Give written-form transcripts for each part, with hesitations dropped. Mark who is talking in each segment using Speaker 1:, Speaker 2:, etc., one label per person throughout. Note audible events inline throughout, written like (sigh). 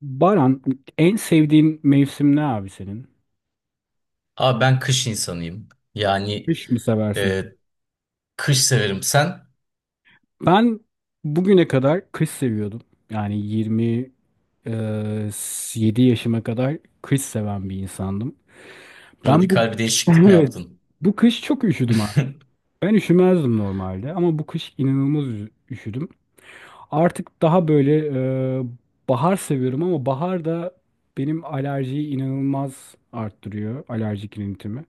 Speaker 1: Baran, en sevdiğin mevsim ne abi senin?
Speaker 2: Abi ben kış insanıyım. Yani
Speaker 1: Kış mı seversin?
Speaker 2: e, kış severim. Sen
Speaker 1: Ben bugüne kadar kış seviyordum. Yani 27 yaşıma kadar kış seven bir insandım. Ben bu
Speaker 2: radikal bir
Speaker 1: (laughs)
Speaker 2: değişiklik mi
Speaker 1: evet
Speaker 2: yaptın?
Speaker 1: bu kış çok üşüdüm abi.
Speaker 2: (laughs)
Speaker 1: Ben üşümezdim normalde ama bu kış inanılmaz üşüdüm. Artık daha böyle e, bahar seviyorum ama bahar da benim alerjiyi inanılmaz arttırıyor. Alerjik rinitimi.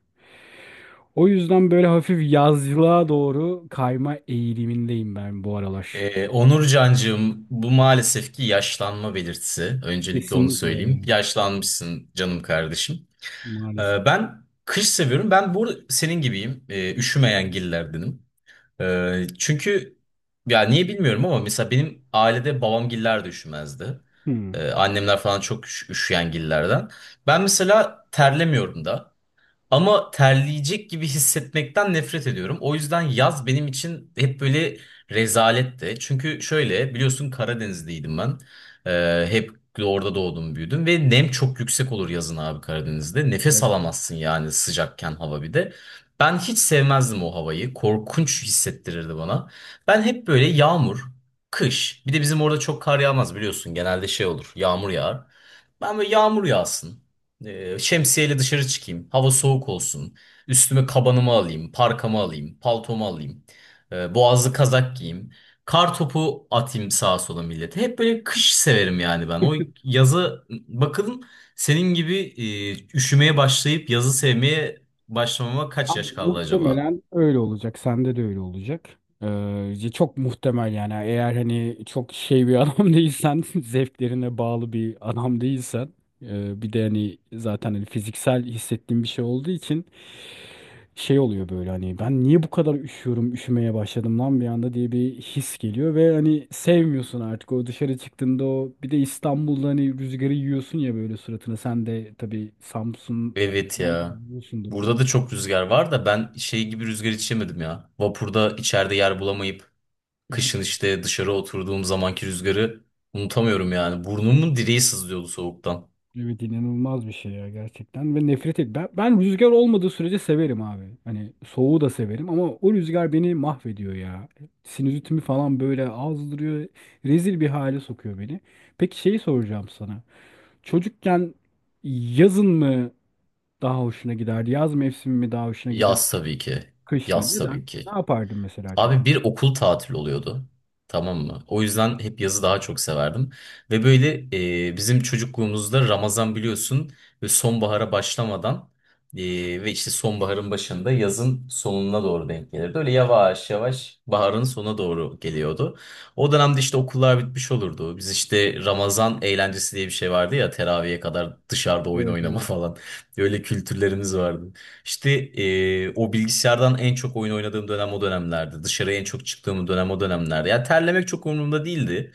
Speaker 1: O yüzden böyle hafif yazlığa doğru kayma eğilimindeyim ben bu aralar.
Speaker 2: e, Onur Cancığım, bu maalesef ki yaşlanma belirtisi. Öncelikle onu
Speaker 1: Kesinlikle
Speaker 2: söyleyeyim.
Speaker 1: yani.
Speaker 2: Yaşlanmışsın canım kardeşim.
Speaker 1: Maalesef.
Speaker 2: Ben kış seviyorum. Ben bu arada senin gibiyim. Üşümeyen gillerdenim. Çünkü ya niye bilmiyorum ama mesela benim ailede babam giller de üşümezdi.
Speaker 1: Hmm.
Speaker 2: Annemler falan çok üşüyen gillerden. Ben mesela terlemiyorum da. Ama terleyecek gibi hissetmekten nefret ediyorum. O yüzden yaz benim için hep böyle rezaletti. Çünkü şöyle biliyorsun Karadenizliydim ben. Hep orada doğdum büyüdüm ve nem çok yüksek olur yazın abi Karadeniz'de. Nefes alamazsın yani sıcakken hava bir de. Ben hiç sevmezdim o havayı. Korkunç hissettirirdi bana. Ben hep böyle yağmur, kış. Bir de bizim orada çok kar yağmaz biliyorsun. Genelde şey olur. Yağmur yağar. Ben böyle yağmur yağsın. Şemsiyeyle dışarı çıkayım. Hava soğuk olsun. Üstüme kabanımı alayım, parkamı alayım, paltomu alayım. Boğazlı kazak giyeyim. Kar topu atayım sağa sola millete. Hep böyle kış severim yani ben. O yazı bakın senin gibi üşümeye başlayıp yazı sevmeye başlamama kaç
Speaker 1: Abi
Speaker 2: yaş kaldı acaba?
Speaker 1: muhtemelen öyle olacak. Sende de öyle olacak. Çok muhtemel yani. Eğer hani çok şey bir (laughs) adam değilsen, zevklerine bağlı bir adam değilsen, bir de hani zaten hani fiziksel hissettiğim bir şey olduğu için şey oluyor böyle hani ben niye bu kadar üşüyorum, üşümeye başladım lan bir anda diye bir his geliyor ve hani sevmiyorsun artık o dışarı çıktığında o bir de İstanbul'da hani rüzgarı yiyorsun ya böyle suratına. Sen de tabii Samsun
Speaker 2: Evet
Speaker 1: falan da
Speaker 2: ya.
Speaker 1: yiyorsundur o
Speaker 2: Burada da çok rüzgar var da ben şey gibi rüzgar içemedim ya. Vapurda içeride yer bulamayıp kışın
Speaker 1: (laughs)
Speaker 2: işte dışarı oturduğum zamanki rüzgarı unutamıyorum yani.
Speaker 1: evet,
Speaker 2: Burnumun
Speaker 1: evet.
Speaker 2: direği sızlıyordu soğuktan.
Speaker 1: Evet inanılmaz bir şey ya gerçekten ve nefret et. Ben rüzgar olmadığı sürece severim abi. Hani soğuğu da severim ama o rüzgar beni mahvediyor ya. Sinüzitimi falan böyle azdırıyor. Rezil bir hale sokuyor beni. Peki şeyi soracağım sana. Çocukken yazın mı daha hoşuna giderdi? Yaz mevsimi mi daha hoşuna gider?
Speaker 2: Yaz tabii ki.
Speaker 1: Kış mı?
Speaker 2: Yaz tabii
Speaker 1: Neden? Ne
Speaker 2: ki.
Speaker 1: yapardın mesela çocuk?
Speaker 2: Abi bir okul tatili oluyordu. Tamam mı? O yüzden hep yazı daha çok severdim. Ve böyle bizim çocukluğumuzda Ramazan biliyorsun ve sonbahara başlamadan e, ve işte sonbaharın başında yazın sonuna doğru denk gelirdi. Öyle yavaş yavaş baharın sona doğru geliyordu. O dönemde işte okullar bitmiş olurdu. Biz işte Ramazan eğlencesi diye bir şey vardı ya teraviye kadar dışarıda oyun
Speaker 1: Evet,
Speaker 2: oynama
Speaker 1: evet.
Speaker 2: falan. (laughs) Öyle kültürlerimiz vardı. İşte, o bilgisayardan en çok oyun oynadığım dönem o dönemlerdi. Dışarıya en çok çıktığım dönem o dönemlerdi. Ya terlemek çok umurumda değildi.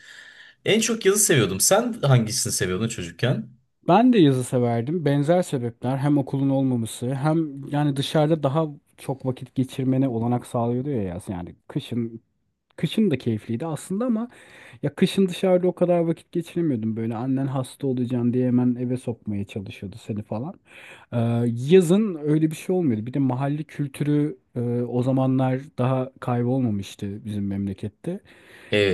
Speaker 2: En çok yazı seviyordum. Sen hangisini seviyordun çocukken?
Speaker 1: Ben de yazı severdim. Benzer sebepler hem okulun olmaması hem yani dışarıda daha çok vakit geçirmene olanak sağlıyordu ya yaz. Yani kışın da keyifliydi aslında ama ya kışın dışarıda o kadar vakit geçiremiyordum. Böyle annen hasta olacaksın diye hemen eve sokmaya çalışıyordu seni falan. Ee, Yazın öyle bir şey olmuyordu. Bir de mahalle kültürü o zamanlar daha kaybolmamıştı bizim memlekette.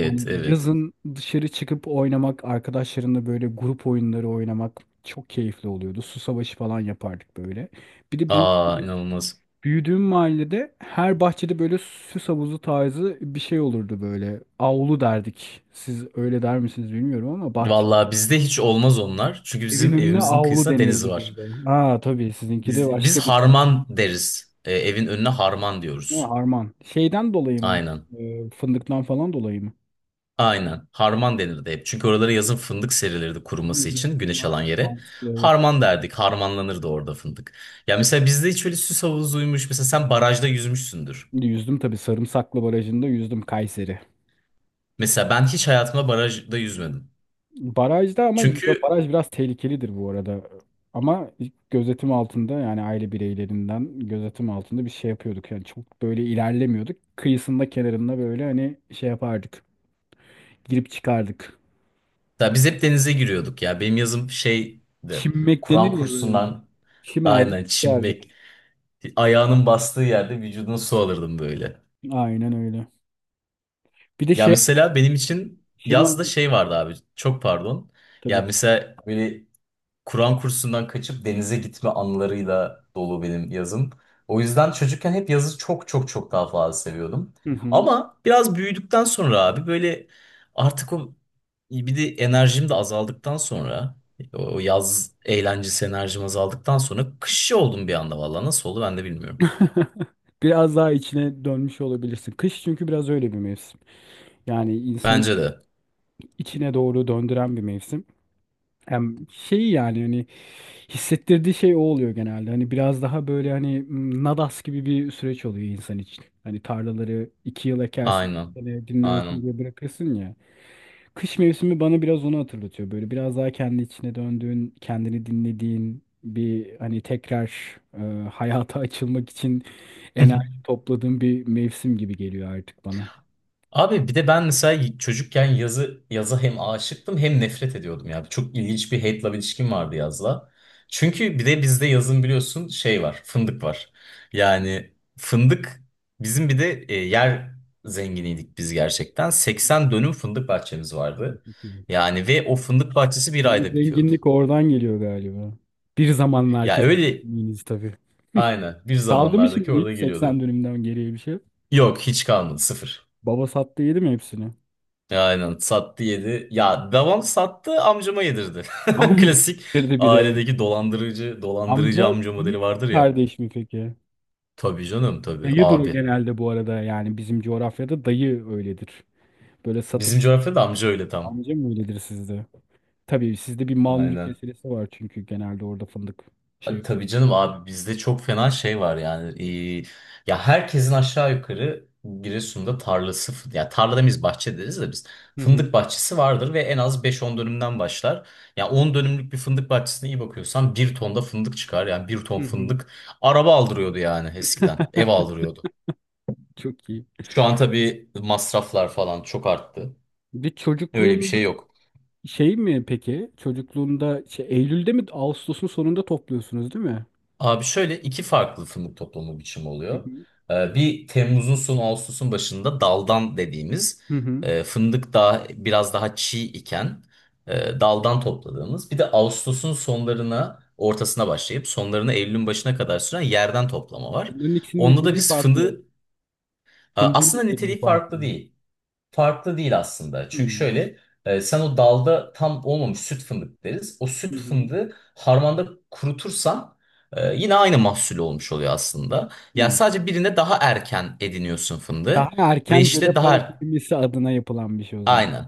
Speaker 1: Yani
Speaker 2: evet.
Speaker 1: yazın dışarı çıkıp oynamak, arkadaşlarımla böyle grup oyunları oynamak çok keyifli oluyordu. Su savaşı falan yapardık böyle. Bir de
Speaker 2: Aa inanılmaz.
Speaker 1: büyüdüğüm mahallede her bahçede böyle süs havuzu tarzı bir şey olurdu böyle. Avlu derdik. Siz öyle der misiniz bilmiyorum ama bahçe.
Speaker 2: Vallahi bizde hiç olmaz onlar. Çünkü
Speaker 1: Evin
Speaker 2: bizim
Speaker 1: önüne
Speaker 2: evimizin
Speaker 1: avlu
Speaker 2: kıyısında deniz
Speaker 1: denirdi
Speaker 2: var.
Speaker 1: bizde. Ha tabii sizinki de
Speaker 2: Biz
Speaker 1: başka bir şey.
Speaker 2: harman deriz. Evin önüne harman
Speaker 1: Ha,
Speaker 2: diyoruz.
Speaker 1: harman. Şeyden dolayı mı?
Speaker 2: Aynen.
Speaker 1: Fındıktan falan dolayı mı?
Speaker 2: Aynen. Harman denirdi hep. Çünkü oralara yazın fındık serilirdi
Speaker 1: Hı
Speaker 2: kuruması
Speaker 1: hı.
Speaker 2: için güneş
Speaker 1: Ha,
Speaker 2: alan yere.
Speaker 1: mantıklı evet.
Speaker 2: Harman derdik. Harmanlanırdı orada fındık. Ya mesela bizde hiç öyle süs havuzuymuş. Mesela sen barajda yüzmüşsündür.
Speaker 1: Yüzdüm tabii Sarımsaklı Barajı'nda yüzdüm Kayseri.
Speaker 2: Mesela ben hiç hayatımda barajda yüzmedim.
Speaker 1: Barajda ama
Speaker 2: Çünkü
Speaker 1: baraj biraz tehlikelidir bu arada. Ama gözetim altında yani aile bireylerinden gözetim altında bir şey yapıyorduk. Yani çok böyle ilerlemiyorduk. Kıyısında kenarında böyle hani şey yapardık. Girip çıkardık.
Speaker 2: ya biz hep denize giriyorduk ya. Benim yazım şeydi.
Speaker 1: Çimmek denir
Speaker 2: Kur'an
Speaker 1: ya böyle.
Speaker 2: kursundan
Speaker 1: Çimerdik
Speaker 2: aynen
Speaker 1: çıkardık.
Speaker 2: çimmek. Ayağının bastığı yerde vücuduna su alırdım böyle.
Speaker 1: Aynen öyle. Bir de
Speaker 2: Ya
Speaker 1: şey
Speaker 2: mesela benim için
Speaker 1: şunu
Speaker 2: yazda
Speaker 1: an-
Speaker 2: şey vardı abi. Çok pardon. Ya
Speaker 1: tabii.
Speaker 2: mesela böyle Kur'an kursundan kaçıp denize gitme anılarıyla dolu benim yazım. O yüzden çocukken hep yazı çok çok çok daha fazla seviyordum.
Speaker 1: Hı hı.
Speaker 2: Ama biraz büyüdükten sonra abi böyle artık o bir de enerjim de azaldıktan sonra o yaz eğlencesi enerjim azaldıktan sonra kışçı oldum bir anda vallahi nasıl oldu ben de bilmiyorum.
Speaker 1: (laughs) Biraz daha içine dönmüş olabilirsin. Kış çünkü biraz öyle bir mevsim. Yani insanı
Speaker 2: Bence de.
Speaker 1: içine doğru döndüren bir mevsim. Hem şey yani hani hissettirdiği şey o oluyor genelde. Hani biraz daha böyle hani nadas gibi bir süreç oluyor insan için. Hani tarlaları iki yıl ekersin,
Speaker 2: Aynen.
Speaker 1: bir sene dinlensin
Speaker 2: Aynen.
Speaker 1: diye bırakırsın ya. Kış mevsimi bana biraz onu hatırlatıyor. Böyle biraz daha kendi içine döndüğün, kendini dinlediğin bir hani tekrar hayata açılmak için enerji
Speaker 2: (laughs)
Speaker 1: topladığın bir mevsim gibi geliyor artık bana.
Speaker 2: Abi bir de ben mesela çocukken yazı yaza hem aşıktım hem nefret ediyordum ya. Çok ilginç bir hate love ilişkim vardı yazla. Çünkü bir de bizde yazın biliyorsun şey var, fındık var. Yani fındık bizim bir de yer zenginiydik biz gerçekten. 80 dönüm fındık bahçemiz vardı. Yani ve o fındık bahçesi bir
Speaker 1: Sizin
Speaker 2: ayda bitiyordu.
Speaker 1: zenginlik oradan geliyor galiba. Bir zamanlar
Speaker 2: Ya
Speaker 1: kesin
Speaker 2: öyle
Speaker 1: zengininiz tabii.
Speaker 2: aynen bir
Speaker 1: Kaldı mı
Speaker 2: zamanlardaki
Speaker 1: şimdi
Speaker 2: orada
Speaker 1: hiç 80
Speaker 2: geliyordu.
Speaker 1: dönümden geriye bir şey?
Speaker 2: Yok hiç kalmadı sıfır.
Speaker 1: Baba sattı yedi mi hepsini?
Speaker 2: Ya aynen sattı yedi. Ya devam sattı amcama yedirdi. (laughs)
Speaker 1: Amca
Speaker 2: Klasik
Speaker 1: getirdi bir de.
Speaker 2: ailedeki dolandırıcı
Speaker 1: Amca
Speaker 2: amca modeli
Speaker 1: büyük
Speaker 2: vardır ya.
Speaker 1: kardeş mi peki?
Speaker 2: Tabii canım tabii
Speaker 1: Dayı duru
Speaker 2: abi.
Speaker 1: genelde bu arada yani bizim coğrafyada dayı öyledir. Böyle satıp
Speaker 2: Bizim coğrafyada amca öyle tam.
Speaker 1: amca mı öyledir sizde? Tabii sizde bir mal mülk
Speaker 2: Aynen.
Speaker 1: meselesi var çünkü genelde orada fındık şey.
Speaker 2: Tabii canım abi bizde çok fena şey var yani. Ee, Ya herkesin aşağı yukarı Giresun'da tarlası, ya tarla demeyiz bahçe deriz de biz
Speaker 1: Hı hı.
Speaker 2: fındık bahçesi vardır ve en az beş on dönümden başlar. Ya 10 dönümlük bir fındık bahçesine iyi bakıyorsan bir tonda fındık çıkar. Yani bir ton
Speaker 1: Hı hı.
Speaker 2: fındık araba aldırıyordu yani eskiden. Ev aldırıyordu.
Speaker 1: Çok iyi.
Speaker 2: Şu an tabii masraflar falan çok arttı.
Speaker 1: Bir de
Speaker 2: Öyle bir
Speaker 1: çocukluğun
Speaker 2: şey yok.
Speaker 1: şey mi peki? Çocukluğunda şey, Eylül'de mi Ağustos'un sonunda topluyorsunuz değil mi?
Speaker 2: Abi şöyle iki farklı fındık toplama biçimi
Speaker 1: Hı
Speaker 2: oluyor.
Speaker 1: hı.
Speaker 2: Bir Temmuz'un son Ağustos'un başında daldan dediğimiz
Speaker 1: Hı hı.
Speaker 2: e, fındık daha biraz daha çiğ iken daldan topladığımız. Bir de Ağustos'un sonlarına ortasına başlayıp sonlarına Eylül'ün başına kadar süren yerden toplama var.
Speaker 1: Bunların ikisinin
Speaker 2: Onda da
Speaker 1: niteliği
Speaker 2: biz
Speaker 1: farklı. Fındığın
Speaker 2: aslında
Speaker 1: niteliği
Speaker 2: niteliği
Speaker 1: farklı.
Speaker 2: farklı değil aslında.
Speaker 1: Hı
Speaker 2: Çünkü
Speaker 1: hı.
Speaker 2: şöyle sen o dalda tam olmamış süt fındık deriz. O süt
Speaker 1: Hı
Speaker 2: fındığı harmanda kurutursan yine aynı mahsul olmuş oluyor aslında. Yani
Speaker 1: hı.
Speaker 2: sadece birinde daha erken ediniyorsun fındığı
Speaker 1: Daha
Speaker 2: ve
Speaker 1: erken cebe
Speaker 2: işte
Speaker 1: para
Speaker 2: daha
Speaker 1: girmesi adına yapılan bir şey o zaman.
Speaker 2: aynen.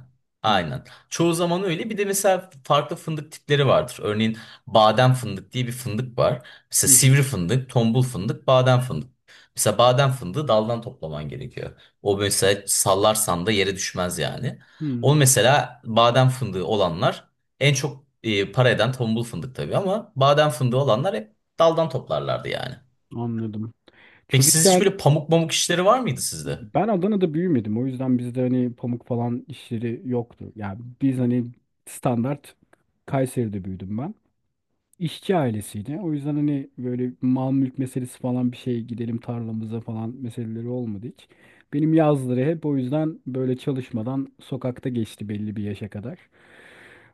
Speaker 1: Hı.
Speaker 2: Aynen. Çoğu zaman öyle. Bir de mesela farklı fındık tipleri vardır. Örneğin badem fındık diye bir fındık var. Mesela
Speaker 1: Hı hı.
Speaker 2: sivri fındık, tombul fındık, badem fındık. Mesela badem fındığı daldan toplaman gerekiyor. O mesela sallarsan da yere düşmez yani. O
Speaker 1: Hı.
Speaker 2: mesela badem fındığı olanlar en çok para eden tombul fındık tabii ama badem fındığı olanlar hep daldan toplarlardı yani.
Speaker 1: Anladım.
Speaker 2: Peki siz hiç
Speaker 1: Çocukken
Speaker 2: böyle pamuk pamuk işleri var mıydı sizde?
Speaker 1: ben Adana'da büyümedim. O yüzden bizde hani pamuk falan işleri yoktu. Yani biz hani standart Kayseri'de büyüdüm ben. İşçi ailesiydi. O yüzden hani böyle mal mülk meselesi falan bir şey gidelim tarlamıza falan meseleleri olmadı hiç. Benim yazları hep o yüzden böyle çalışmadan sokakta geçti belli bir yaşa kadar.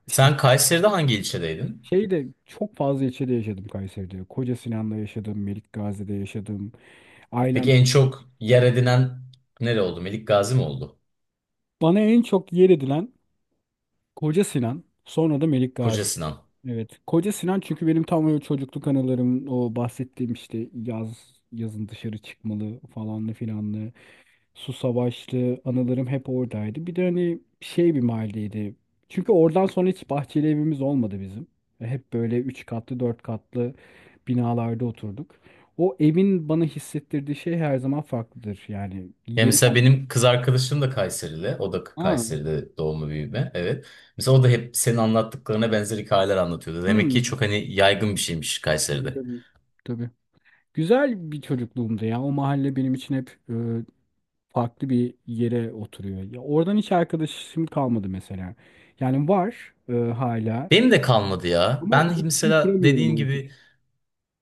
Speaker 1: İşte
Speaker 2: Sen Kayseri'de hangi ilçedeydin?
Speaker 1: şey de çok fazla ilçede yaşadım Kayseri'de. Koca Sinan'da yaşadım, Melik Gazi'de yaşadım. Ailem
Speaker 2: Peki en
Speaker 1: çok-
Speaker 2: çok yer edinen nere oldu? Melik Gazi mi oldu?
Speaker 1: Bana en çok yer edilen Koca Sinan, sonra da Melik
Speaker 2: Koca
Speaker 1: Gazi.
Speaker 2: Sinan.
Speaker 1: Evet. Koca Sinan çünkü benim tam o çocukluk anılarım o bahsettiğim işte yaz yazın dışarı çıkmalı falanlı filanlı. Su Savaşlı anılarım hep oradaydı. Bir de hani şey bir mahalleydi. Çünkü oradan sonra hiç bahçeli evimiz olmadı bizim. Ve hep böyle üç katlı, dört katlı binalarda oturduk. O evin bana hissettirdiği şey her zaman farklıdır. Yani
Speaker 2: Ya
Speaker 1: yeri
Speaker 2: mesela
Speaker 1: ben...
Speaker 2: benim kız arkadaşım da Kayserili. O da
Speaker 1: Aa,
Speaker 2: Kayseri'de doğma büyüme. Evet. Mesela o da hep senin anlattıklarına benzer hikayeler anlatıyordu. Demek ki
Speaker 1: hmm.
Speaker 2: çok hani yaygın bir şeymiş
Speaker 1: Tabii
Speaker 2: Kayseri'de.
Speaker 1: tabii. Tabii. Güzel bir çocukluğumdu ya. O mahalle benim için hep farklı bir yere oturuyor. Ya oradan hiç arkadaşım kalmadı mesela. Yani var hala.
Speaker 2: Benim de kalmadı ya.
Speaker 1: Ama
Speaker 2: Ben
Speaker 1: iletişim
Speaker 2: mesela dediğin
Speaker 1: kuramıyorum artık.
Speaker 2: gibi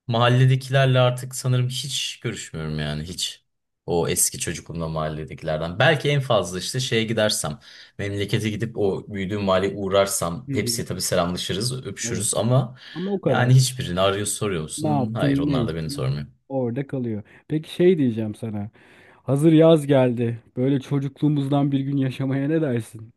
Speaker 2: mahalledekilerle artık sanırım hiç görüşmüyorum yani hiç. O eski çocukluğumda mahalledekilerden. Belki en fazla işte şeye gidersem, memlekete gidip o büyüdüğüm mahalleye uğrarsam
Speaker 1: Hı hı.
Speaker 2: hepsiyle tabii selamlaşırız,
Speaker 1: Evet.
Speaker 2: öpüşürüz ama
Speaker 1: Ama o
Speaker 2: yani
Speaker 1: kadar.
Speaker 2: hiçbirini arıyor soruyor
Speaker 1: Ne
Speaker 2: musun? Hayır
Speaker 1: yaptın, ne
Speaker 2: onlar da beni
Speaker 1: ettin?
Speaker 2: sormuyor.
Speaker 1: Orada kalıyor. Peki şey diyeceğim sana. Hazır yaz geldi. Böyle çocukluğumuzdan bir gün yaşamaya ne dersin?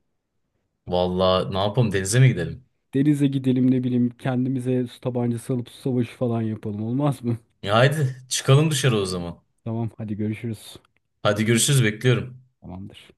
Speaker 2: Vallahi ne yapalım denize mi gidelim?
Speaker 1: Denize gidelim ne bileyim kendimize su tabancası alıp su savaşı falan yapalım olmaz mı?
Speaker 2: Ya haydi çıkalım dışarı o zaman.
Speaker 1: (laughs) Tamam hadi görüşürüz.
Speaker 2: Hadi görüşürüz bekliyorum.
Speaker 1: Tamamdır.